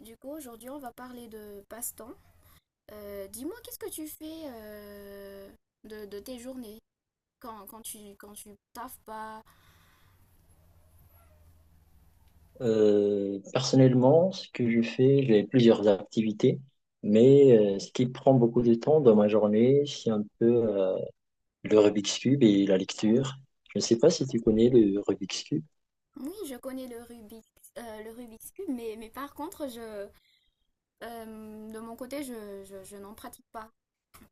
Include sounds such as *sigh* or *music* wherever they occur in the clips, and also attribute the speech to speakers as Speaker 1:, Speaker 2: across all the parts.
Speaker 1: Du coup, aujourd'hui, on va parler de passe-temps. Dis-moi, qu'est-ce que tu fais de tes journées quand tu taffes pas?
Speaker 2: Personnellement, ce que je fais, j'ai plusieurs activités, mais ce qui prend beaucoup de temps dans ma journée, c'est un peu le Rubik's Cube et la lecture. Je ne sais pas si tu connais le Rubik's Cube.
Speaker 1: Oui, je connais le Rubik, le Rubik's Cube, mais par contre, de mon côté, je n'en pratique pas.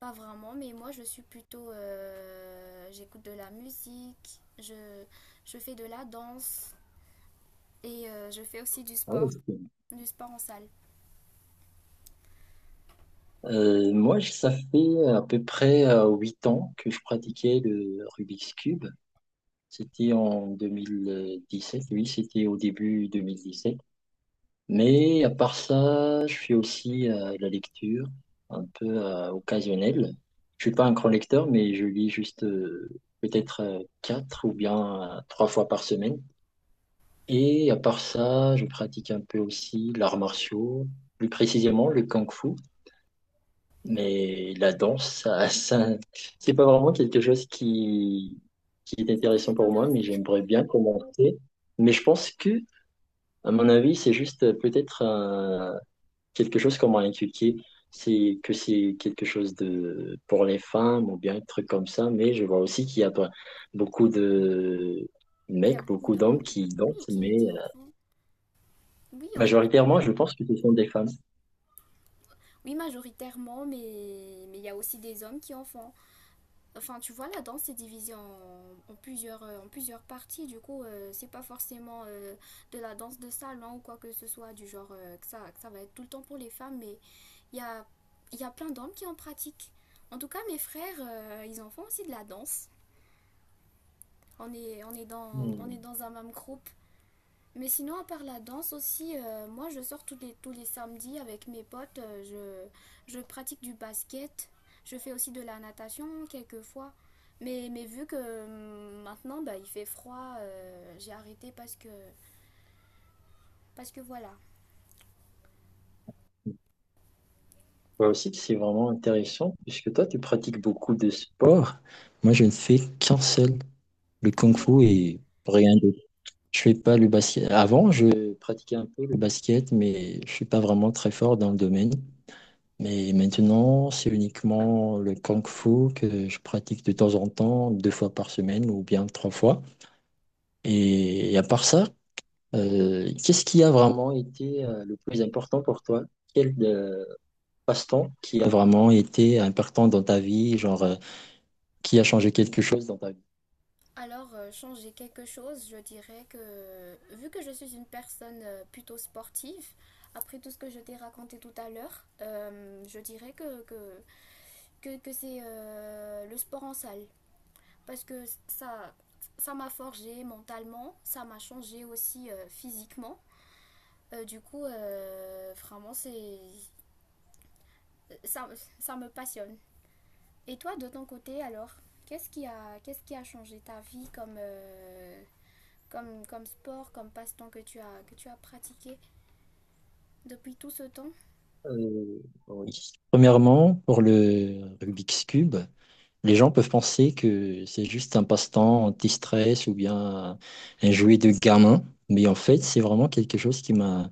Speaker 1: Pas vraiment, mais moi, je suis plutôt j'écoute de la musique, je fais de la danse et je fais aussi
Speaker 2: Ah, ok.
Speaker 1: du sport en salle.
Speaker 2: Moi, ça fait à peu près 8 ans que je pratiquais le Rubik's Cube. C'était en 2017. Oui, c'était au début 2017. Mais à part ça, je fais aussi de la lecture, un peu occasionnelle. Je suis pas un grand lecteur, mais je lis juste peut-être quatre ou bien trois fois par semaine. Et à part ça, je pratique un peu aussi l'art martiaux, plus précisément le kung-fu. Mais la danse, ça, *laughs* ça, c'est pas vraiment quelque chose qui est
Speaker 1: Ça
Speaker 2: intéressant
Speaker 1: pourrait
Speaker 2: pour moi, mais
Speaker 1: t'intéresser.
Speaker 2: j'aimerais bien commencer. Mais je pense que, à mon avis, c'est juste peut-être quelque chose qu'on m'a inculqué, c'est que c'est quelque chose de pour les femmes ou bien un truc comme ça, mais je vois aussi qu'il y a beaucoup de
Speaker 1: *laughs* Il y a
Speaker 2: mecs,
Speaker 1: beaucoup
Speaker 2: beaucoup d'hommes
Speaker 1: d'hommes,
Speaker 2: qui
Speaker 1: oui,
Speaker 2: dansent, mais
Speaker 1: qui en font. Oui, en- en-
Speaker 2: majoritairement, je pense que ce sont des femmes.
Speaker 1: oui, majoritairement, mais il y a aussi des hommes qui en font. Enfin, tu vois, la danse c'est divisé en, en plusieurs, en plusieurs parties. Du coup, c'est pas forcément de la danse de salon ou quoi que ce soit, du genre que ça va être tout le temps pour les femmes, mais il y a, il y a plein d'hommes qui en pratiquent. En tout cas, mes frères, ils en font aussi de la danse. On est
Speaker 2: Hmm.
Speaker 1: dans un même groupe. Mais sinon, à part la danse aussi, moi je sors tous les samedis avec mes potes, je pratique du basket, je fais aussi de la natation quelquefois. Mais vu que maintenant bah, il fait froid, j'ai arrêté parce que voilà.
Speaker 2: Je aussi c'est vraiment intéressant, puisque toi, tu pratiques beaucoup de sports. Moi, je ne fais qu'un seul, le
Speaker 1: Oui.
Speaker 2: kung-fu et rien d'autre. Je fais pas le basket. Avant, je pratiquais un peu le basket, mais je suis pas vraiment très fort dans le domaine. Mais maintenant, c'est uniquement le Kung Fu que je pratique de temps en temps, deux fois par semaine ou bien trois fois. Et à part ça, qu'est-ce qui a vraiment été le plus important pour toi? Quel passe-temps qui a vraiment été important dans ta vie, genre qui a changé quelque chose dans ta vie?
Speaker 1: Alors, changer quelque chose, je dirais que vu que je suis une personne plutôt sportive, après tout ce que je t'ai raconté tout à l'heure, je dirais que c'est le sport en salle. Parce que ça m'a forgé mentalement, ça m'a changé aussi physiquement. Vraiment, ça, ça me passionne. Et toi, de ton côté, alors, qu'est-ce qui a changé ta vie comme, comme sport, comme passe-temps que tu as pratiqué depuis tout ce temps?
Speaker 2: Euh, oui. Premièrement, pour le Rubik's Cube, les gens peuvent penser que c'est juste un passe-temps anti-stress ou bien un jouet de gamin, mais en fait, c'est vraiment quelque chose qui m'a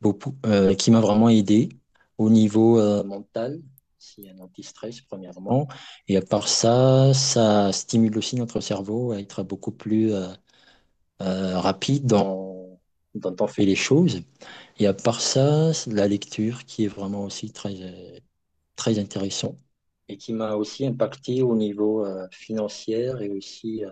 Speaker 2: beaucoup, euh, qui m'a vraiment aidé au niveau mental. C'est un anti-stress, premièrement. Et à part ça, ça stimule aussi notre cerveau à être beaucoup plus rapide dans on fait les choses. Et à part ça, c'est de la lecture qui est vraiment aussi très, très intéressant et qui m'a aussi impacté au niveau financier et aussi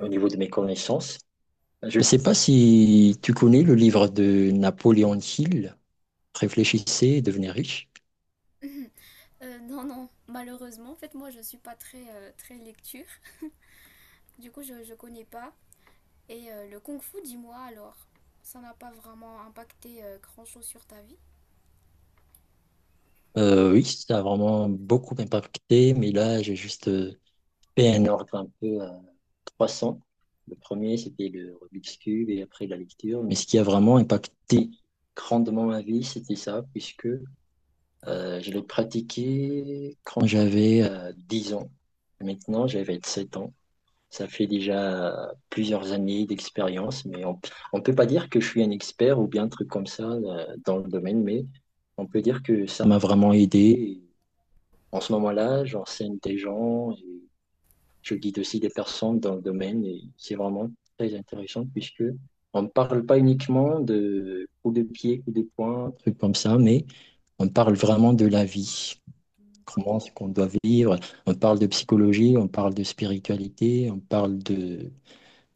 Speaker 2: au niveau de mes connaissances. Je ne sais pas si tu connais le livre de Napoléon Hill, Réfléchissez et devenez riche.
Speaker 1: *clears throat* *laughs* euh, Non, non, malheureusement, en fait, moi, je suis pas très, très lecture. Du coup, je ne connais pas. Et le kung fu, dis-moi alors, ça n'a pas vraiment impacté grand-chose sur ta vie?
Speaker 2: Oui, ça a vraiment beaucoup impacté, mais là, j'ai juste fait un ordre un peu 300. Le premier, c'était le Rubik's Cube et après la lecture. Mais ce qui a vraiment impacté grandement ma vie, c'était ça, puisque je l'ai pratiqué quand j'avais 10 ans. Maintenant, j'avais 7 ans. Ça fait déjà plusieurs années d'expérience, mais on ne peut pas dire que je suis un expert ou bien un truc comme ça dans le domaine, mais on peut dire que ça m'a vraiment aidé. Et en ce moment-là, j'enseigne des gens et je guide aussi des personnes dans le domaine et c'est vraiment très intéressant puisque on ne parle pas uniquement de coups de pied, coups de poing, trucs comme ça, mais on parle vraiment de la vie, comment est-ce qu'on doit vivre. On parle de psychologie, on parle de spiritualité, on parle de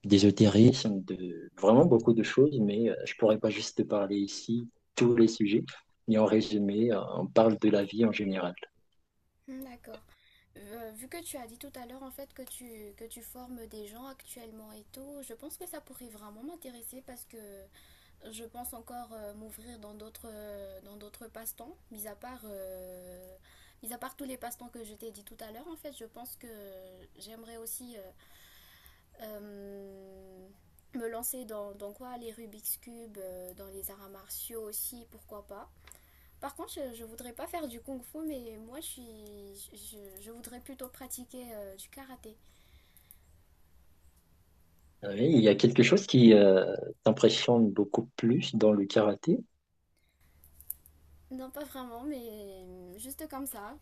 Speaker 2: d'ésotérisme, de vraiment beaucoup de choses, mais je pourrais pas juste te parler ici tous les sujets. Mais en résumé, on parle de la vie en général.
Speaker 1: Hmm, d'accord. Vu que tu as dit tout à l'heure en fait que tu formes des gens actuellement et tout, je pense que ça pourrait vraiment m'intéresser parce que je pense encore m'ouvrir dans d'autres passe-temps, mis à part tous les passe-temps que je t'ai dit tout à l'heure. En fait, je pense que j'aimerais aussi Euh, me lancer dans, dans quoi, les Rubik's Cube, dans les arts martiaux aussi, pourquoi pas. Par contre, je voudrais pas faire du kung fu, mais moi je voudrais plutôt pratiquer du karaté.
Speaker 2: Oui, il y a quelque chose qui t'impressionne beaucoup plus dans le karaté.
Speaker 1: Non, pas vraiment, mais juste comme ça.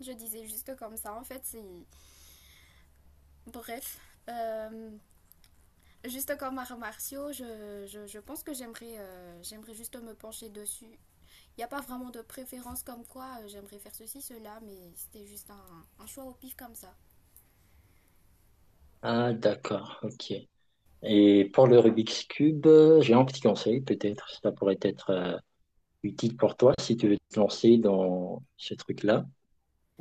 Speaker 1: Je disais juste comme ça, en fait, c'est. Bref. Euh, Juste comme arts martiaux, je pense que j'aimerais j'aimerais juste me pencher dessus. Il n'y a pas vraiment de préférence comme quoi j'aimerais faire ceci, cela, mais c'était juste un choix au pif comme ça.
Speaker 2: Ah, d'accord, ok. Et pour le Rubik's Cube, j'ai un petit conseil, peut-être, ça pourrait être utile pour toi si tu veux te lancer dans ce truc-là.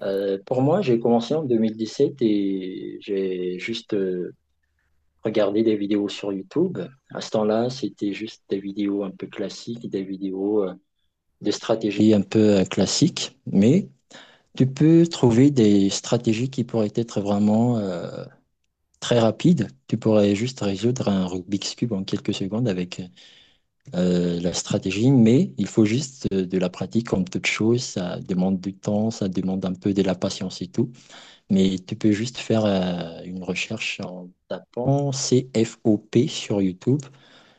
Speaker 2: Pour moi, j'ai commencé en 2017 et j'ai juste regardé des vidéos sur YouTube. À ce temps-là, c'était juste des vidéos un peu classiques, des vidéos de stratégie un peu classique, mais tu peux trouver des stratégies qui pourraient être vraiment très rapides. Tu pourrais juste résoudre un Rubik's Cube en quelques secondes avec la stratégie, mais il faut juste de la pratique comme toute chose. Ça demande du temps, ça demande un peu de la patience et tout. Mais tu peux juste faire une recherche en tapant C F O P sur YouTube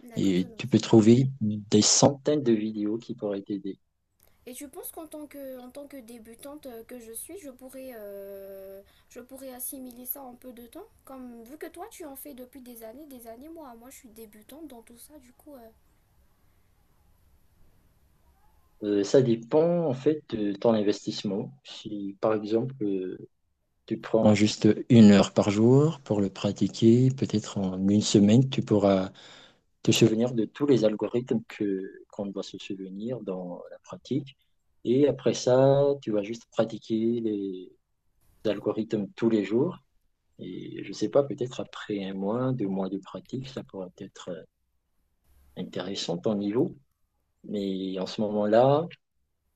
Speaker 1: D'accord, je
Speaker 2: et tu
Speaker 1: note
Speaker 2: peux
Speaker 1: ça.
Speaker 2: trouver des centaines de vidéos qui pourraient t'aider.
Speaker 1: Et tu penses qu'en tant que, en tant que débutante que je suis, je pourrais assimiler ça en peu de temps? Comme, vu que toi, tu en fais depuis des années, je suis débutante dans tout ça, du coup,
Speaker 2: Ça dépend en fait de ton investissement. Si par exemple tu prends juste 1 heure par jour pour le pratiquer. Peut-être en une semaine, tu pourras te souvenir de tous les algorithmes que qu'on doit se souvenir dans la pratique. Et après ça, tu vas juste pratiquer les algorithmes tous les jours. Et je ne sais pas, peut-être après un mois, 2 mois de pratique, ça pourrait être intéressant ton niveau. Mais en ce moment-là,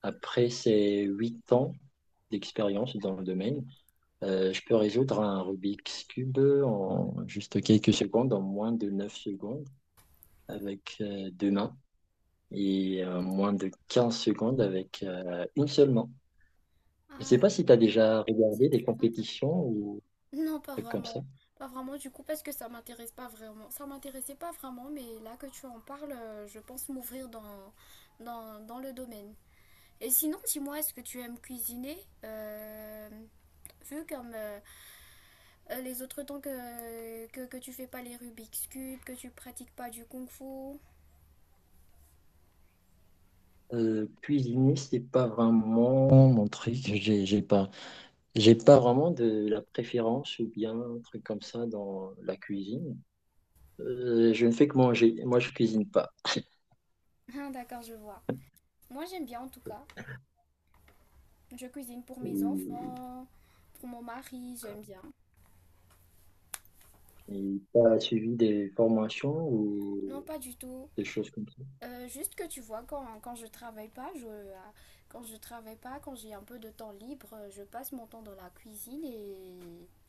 Speaker 2: après ces 8 ans d'expérience dans le domaine, je peux résoudre un Rubik's Cube en juste quelques secondes, en moins de 9 secondes avec deux mains et moins de 15 secondes avec une seule main. Je ne sais
Speaker 1: Ah,
Speaker 2: pas si tu as déjà
Speaker 1: c'est
Speaker 2: regardé des
Speaker 1: très intéressant.
Speaker 2: compétitions ou
Speaker 1: Non, pas
Speaker 2: des trucs comme ça.
Speaker 1: vraiment. Pas vraiment, du coup, parce que ça m'intéresse pas vraiment. Ça m'intéressait pas vraiment, mais là que tu en parles, je pense m'ouvrir dans, dans le domaine. Et sinon, dis-moi, est-ce que tu aimes cuisiner? Euh, vu comme les autres temps que tu fais pas les Rubik's Cube, que tu pratiques pas du Kung Fu.
Speaker 2: Cuisiner, c'est pas vraiment mon truc. J'ai pas vraiment de la préférence ou bien un truc comme ça dans la cuisine. Je ne fais que manger. Moi, je cuisine pas.
Speaker 1: Ah, d'accord, je vois. Moi, j'aime bien en tout
Speaker 2: Et
Speaker 1: cas. Je cuisine pour mes
Speaker 2: euh,
Speaker 1: enfants, pour mon mari, j'aime bien.
Speaker 2: Et t'as suivi des formations
Speaker 1: Non,
Speaker 2: ou
Speaker 1: pas du tout.
Speaker 2: des choses comme ça?
Speaker 1: Juste que tu vois, quand je travaille pas, quand je travaille pas, quand j'ai un peu de temps libre, je passe mon temps dans la cuisine et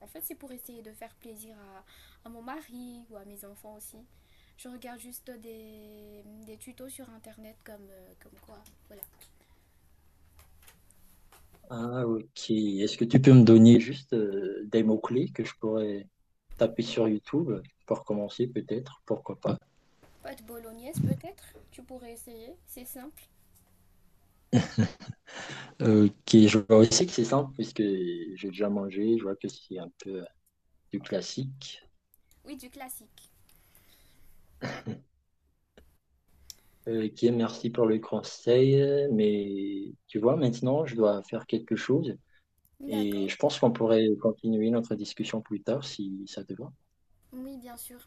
Speaker 1: en fait c'est pour essayer de faire plaisir à mon mari ou à mes enfants aussi. Je regarde juste des tutos sur internet comme, comme quoi. Voilà.
Speaker 2: Ah, ok. Est-ce que tu peux me donner juste des mots-clés que je pourrais taper sur YouTube pour commencer, peut-être, pourquoi pas?
Speaker 1: Pâte bolognaise peut-être, tu pourrais essayer, c'est simple.
Speaker 2: Ok, je vois aussi que c'est simple puisque j'ai déjà mangé, je vois que c'est un peu du classique.
Speaker 1: Oui, du classique.
Speaker 2: Ok, merci pour le conseil, mais tu vois, maintenant, je dois faire quelque chose et
Speaker 1: D'accord.
Speaker 2: je pense qu'on pourrait continuer notre discussion plus tard si ça te va.
Speaker 1: Oui, bien sûr.